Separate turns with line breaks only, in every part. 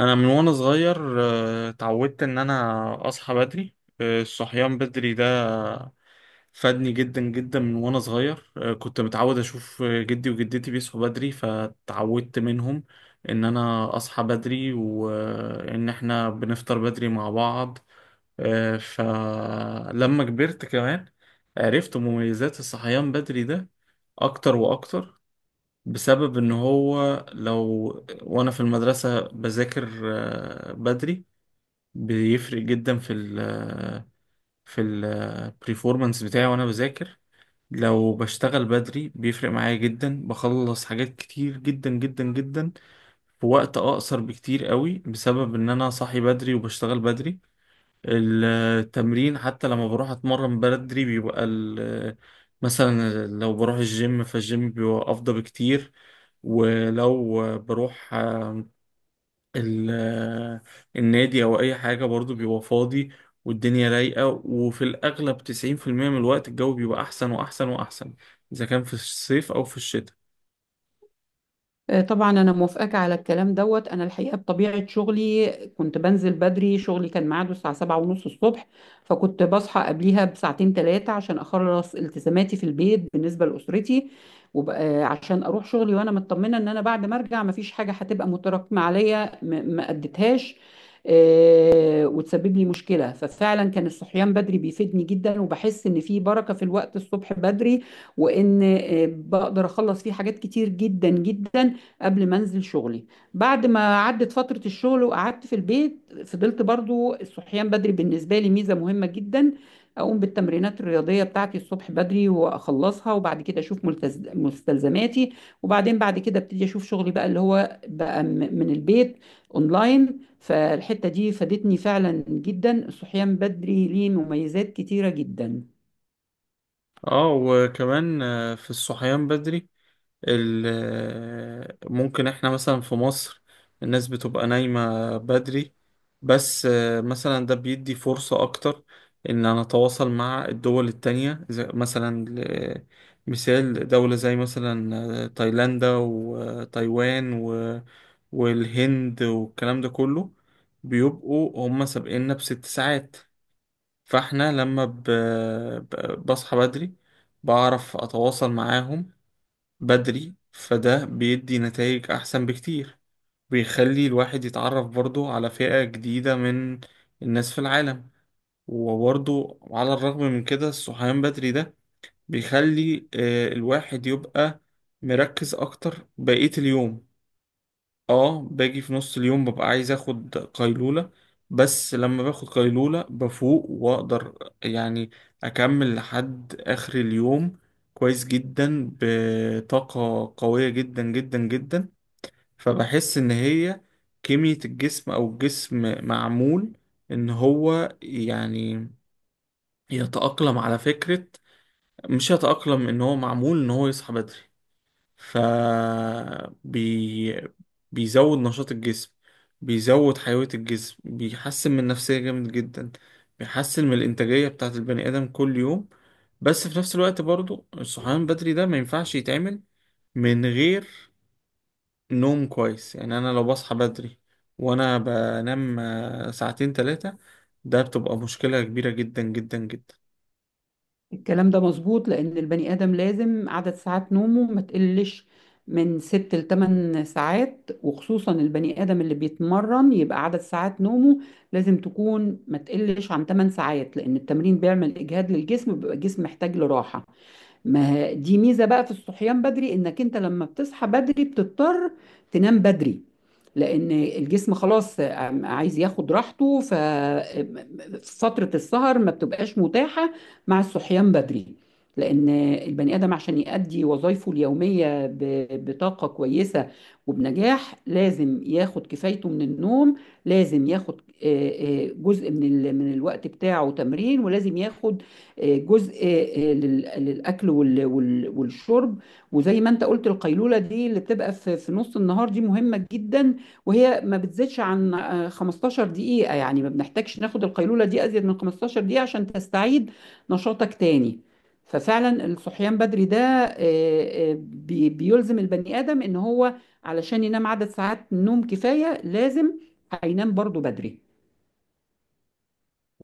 انا من وانا صغير اتعودت ان انا اصحى بدري. الصحيان بدري ده فادني جدا جدا من وانا صغير. كنت متعود اشوف جدي وجدتي بيصحوا بدري فتعودت منهم ان انا اصحى بدري وان احنا بنفطر بدري مع بعض. فلما كبرت كمان عرفت مميزات الصحيان بدري ده اكتر واكتر، بسبب ان هو لو وانا في المدرسة بذاكر بدري بيفرق جدا في ال آه، في البرفورمانس بتاعي وانا بذاكر. لو بشتغل بدري بيفرق معايا جدا، بخلص حاجات كتير جدا جدا جدا في وقت اقصر بكتير قوي، بسبب ان انا صاحي بدري وبشتغل بدري. التمرين حتى لما بروح اتمرن بدري بيبقى مثلا لو بروح الجيم فالجيم بيبقى افضل بكتير. ولو بروح ال- النادي او اي حاجة برضو بيبقى فاضي والدنيا رايقة، وفي الاغلب 90% من الوقت الجو بيبقى احسن واحسن واحسن، اذا كان في الصيف او في الشتاء.
طبعا انا موافقاك على الكلام دوت. انا الحقيقه بطبيعه شغلي كنت بنزل بدري. شغلي كان ميعاده الساعه 7 ونص الصبح، فكنت بصحى قبليها بساعتين ثلاثه عشان اخلص التزاماتي في البيت بالنسبه لاسرتي، وبقى عشان اروح شغلي وانا مطمنه ان انا بعد ما ارجع مفيش حاجه هتبقى متراكمه عليا ما اديتهاش وتسبب لي مشكله. ففعلا كان الصحيان بدري بيفيدني جدا، وبحس ان في بركه في الوقت الصبح بدري، وان بقدر اخلص فيه حاجات كتير جدا جدا قبل ما انزل شغلي. بعد ما عدت فترة الشغل وقعدت في البيت، فضلت برضو الصحيان بدري بالنسبة لي ميزة مهمة جدا. اقوم بالتمرينات الرياضية بتاعتي الصبح بدري واخلصها، وبعد كده اشوف مستلزماتي، وبعدين بعد كده ابتدي اشوف شغلي بقى اللي هو بقى من البيت اونلاين. فالحتة دي فادتني فعلا جدا، الصحيان بدري ليه مميزات كتيرة جدا.
اه وكمان في الصحيان بدري ممكن احنا مثلا في مصر الناس بتبقى نايمة بدري، بس مثلا ده بيدي فرصة أكتر إن أنا أتواصل مع الدول التانية، زي مثلا مثال دولة زي مثلا تايلاندا وتايوان والهند والكلام ده كله. بيبقوا هما سابقيننا ب6 ساعات، فاحنا لما بصحى بدري بعرف أتواصل معاهم بدري، فده بيدي نتائج أحسن بكتير. بيخلي الواحد يتعرف برضو على فئة جديدة من الناس في العالم. وبرضو على الرغم من كده الصحيان بدري ده بيخلي الواحد يبقى مركز أكتر بقية اليوم. اه باجي في نص اليوم ببقى عايز اخد قيلولة، بس لما باخد قيلولة بفوق واقدر يعني اكمل لحد اخر اليوم كويس جدا، بطاقة قوية جدا جدا جدا. فبحس ان هي كمية الجسم او الجسم معمول ان هو يعني يتأقلم، على فكرة مش يتأقلم، ان هو معمول ان هو يصحى بدري. ف بي... بيزود نشاط الجسم، بيزود حيوية الجسم، بيحسن من النفسية جامد جدا، بيحسن من الإنتاجية بتاعة البني آدم كل يوم. بس في نفس الوقت برضو الصحيان بدري ده ما ينفعش يتعمل من غير نوم كويس. يعني أنا لو بصحى بدري وأنا بنام ساعتين تلاتة، ده بتبقى مشكلة كبيرة جدا جدا جدا.
الكلام ده مظبوط لأن البني آدم لازم عدد ساعات نومه ما تقلش من ست لتمن ساعات، وخصوصا البني آدم اللي بيتمرن يبقى عدد ساعات نومه لازم تكون ما تقلش عن تمن ساعات، لأن التمرين بيعمل إجهاد للجسم، بيبقى الجسم محتاج لراحة. ما ه- دي ميزة بقى في الصحيان بدري، انك انت لما بتصحى بدري بتضطر تنام بدري، لان الجسم خلاص عايز ياخد راحته، ففترة السهر ما بتبقاش متاحة مع الصحيان بدري. لان البني ادم عشان يؤدي وظائفه اليومية بطاقة كويسة وبنجاح لازم ياخد كفايته من النوم. لازم ياخد جزء من من الوقت بتاعه تمرين، ولازم ياخد جزء للاكل والشرب. وزي ما انت قلت، القيلوله دي اللي بتبقى في في نص النهار دي مهمه جدا، وهي ما بتزيدش عن 15 دقيقه، يعني ما بنحتاجش ناخد القيلوله دي ازيد من 15 دقيقه عشان تستعيد نشاطك تاني. ففعلا الصحيان بدري ده آه، بيلزم البني ادم ان هو علشان ينام عدد ساعات نوم كفايه لازم هينام برضو بدري.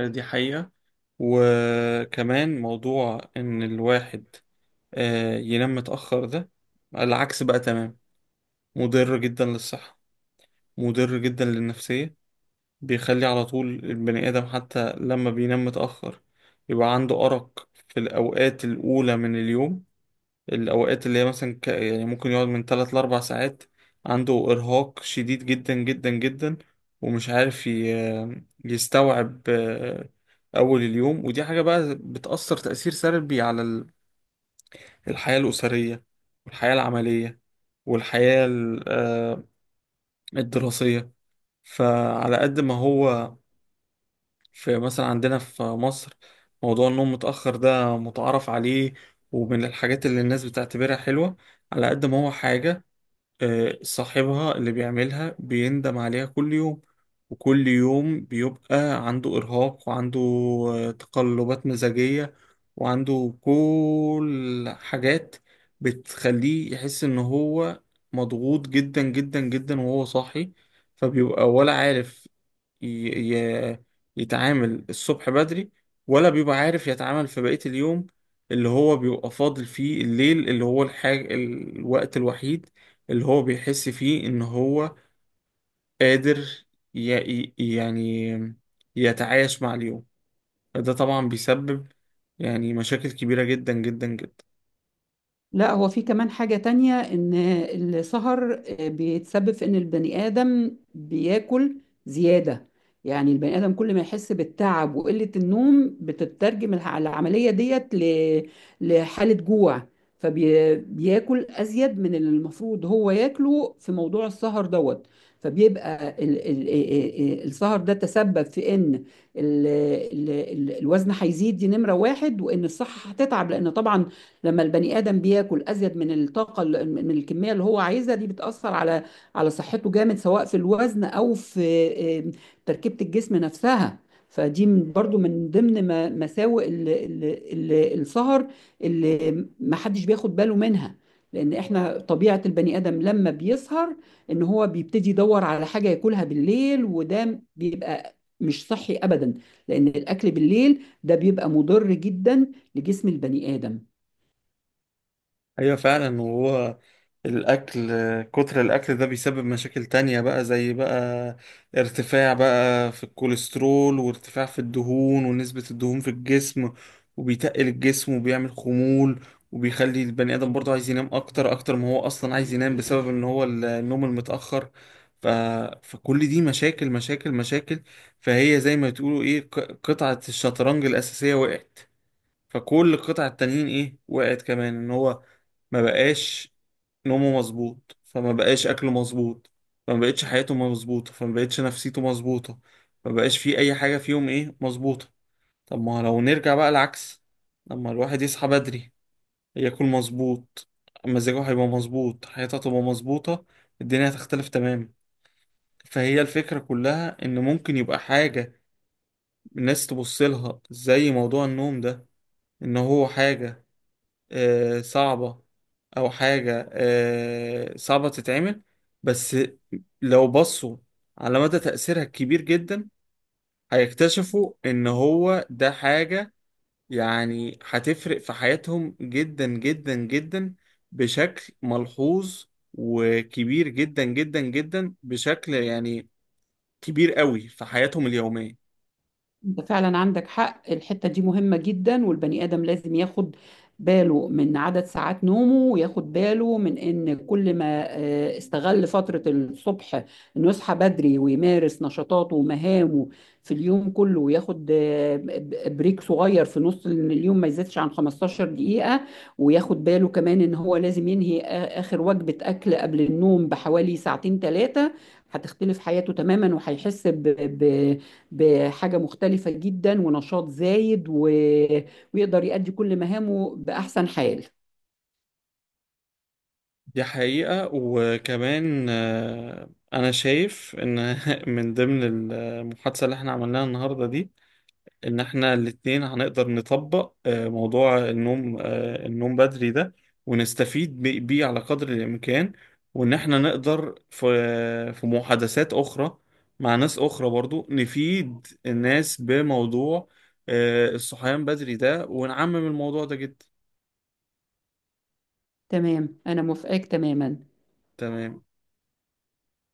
دي حقيقة. وكمان موضوع إن الواحد ينام متأخر ده العكس بقى تمام، مضر جدا للصحة، مضر جدا للنفسية. بيخلي على طول البني آدم حتى لما بينام متأخر يبقى عنده أرق في الأوقات الأولى من اليوم، الأوقات اللي هي مثلا يعني ممكن يقعد من 3 ل 4 ساعات عنده إرهاق شديد جدا جدا جدا ومش عارف يستوعب أول اليوم. ودي حاجة بقى بتأثر تأثير سلبي على الحياة الأسرية والحياة العملية والحياة الدراسية. فعلى قد ما هو في مثلا عندنا في مصر موضوع النوم متأخر ده متعارف عليه ومن الحاجات اللي الناس بتعتبرها حلوة، على قد ما هو حاجة صاحبها اللي بيعملها بيندم عليها كل يوم. وكل يوم بيبقى عنده إرهاق وعنده تقلبات مزاجية وعنده كل حاجات بتخليه يحس إن هو مضغوط جدا جدا جدا وهو صاحي. فبيبقى ولا عارف ي... ي... يتعامل الصبح بدري، ولا بيبقى عارف يتعامل في بقية اليوم اللي هو بيبقى فاضل فيه الليل، اللي هو الوقت الوحيد اللي هو بيحس فيه إن هو قادر يعني يتعايش مع اليوم. فده طبعا بيسبب يعني مشاكل كبيرة جدا جدا جدا.
لا، هو في كمان حاجة تانية، إن السهر بيتسبب في إن البني آدم بياكل زيادة. يعني البني آدم كل ما يحس بالتعب وقلة النوم بتترجم العملية ديت لحالة جوع، فبياكل أزيد من اللي المفروض هو ياكله في موضوع السهر دوت. فبيبقى السهر ده تسبب في إن ال- ال الوزن هيزيد، دي نمرة واحد، وإن الصحة هتتعب، لأن طبعا لما البني ادم بياكل ازيد من الطاقه من الكميه اللي هو عايزها، دي بتاثر على على صحته جامد، سواء في الوزن او في آه، تركيبه الجسم نفسها. فدي برضو من ضمن مساوئ السهر اللي ما حدش بياخد باله منها، لان احنا طبيعه البني ادم لما بيسهر، ان هو بيبتدي يدور على حاجه ياكلها بالليل، وده بيبقى مش صحي ابدا، لان الاكل بالليل ده بيبقى مضر جدا لجسم البني ادم.
ايوه فعلا. وهو الاكل، كتر الاكل ده بيسبب مشاكل تانية بقى، زي بقى ارتفاع بقى في الكوليسترول وارتفاع في الدهون ونسبة الدهون في الجسم، وبيتقل الجسم وبيعمل خمول، وبيخلي البني ادم برضه عايز ينام اكتر اكتر ما هو اصلا عايز ينام بسبب ان هو النوم المتأخر. ف... فكل دي مشاكل مشاكل مشاكل. فهي زي ما تقولوا ايه، قطعة الشطرنج الأساسية وقعت، فكل القطع التانيين ايه وقعت كمان. ان هو ما بقاش نومه مظبوط، فما بقاش اكله مظبوط، فما بقتش حياته مظبوطه، فما بقتش نفسيته مظبوطه، ما بقاش فيه اي حاجه فيهم ايه مظبوطه. طب ما لو نرجع بقى العكس، لما الواحد يصحى بدري، ياكل مظبوط، مزاجه هيبقى مظبوط، حياته هتبقى مظبوطه، الدنيا هتختلف تماما. فهي الفكره كلها ان ممكن يبقى حاجه الناس تبص لها زي موضوع النوم ده، ان هو حاجه صعبة، أو حاجة صعبة تتعمل. بس لو بصوا على مدى تأثيرها الكبير جدا هيكتشفوا إن هو ده حاجة يعني هتفرق في حياتهم جدا جدا جدا، بشكل ملحوظ وكبير جدا جدا جدا، بشكل يعني كبير قوي في حياتهم اليومية.
انت فعلا عندك حق، الحتة دي مهمة جدا، والبني آدم لازم ياخد باله من عدد ساعات نومه، وياخد باله من ان كل ما استغل فترة الصبح انه يصحى بدري ويمارس نشاطاته ومهامه في اليوم كله، وياخد بريك صغير في نص اليوم ما يزيدش عن 15 دقيقة، وياخد باله كمان ان هو لازم ينهي اخر وجبة اكل قبل النوم بحوالي ساعتين ثلاثة، هتختلف حياته تماما، وهيحس ب... بحاجة مختلفة جدا ونشاط زايد ويقدر يؤدي كل مهامه بأحسن حال.
دي حقيقة. وكمان أنا شايف إن من ضمن المحادثة اللي إحنا عملناها النهاردة دي، إن إحنا الاتنين هنقدر نطبق موضوع النوم، النوم بدري ده، ونستفيد بيه على قدر الإمكان. وإن إحنا نقدر في في محادثات أخرى مع ناس أخرى برضو نفيد الناس بموضوع الصحيان بدري ده، ونعمم الموضوع ده جدا.
تمام، أنا موافقاك تماما.
تمام.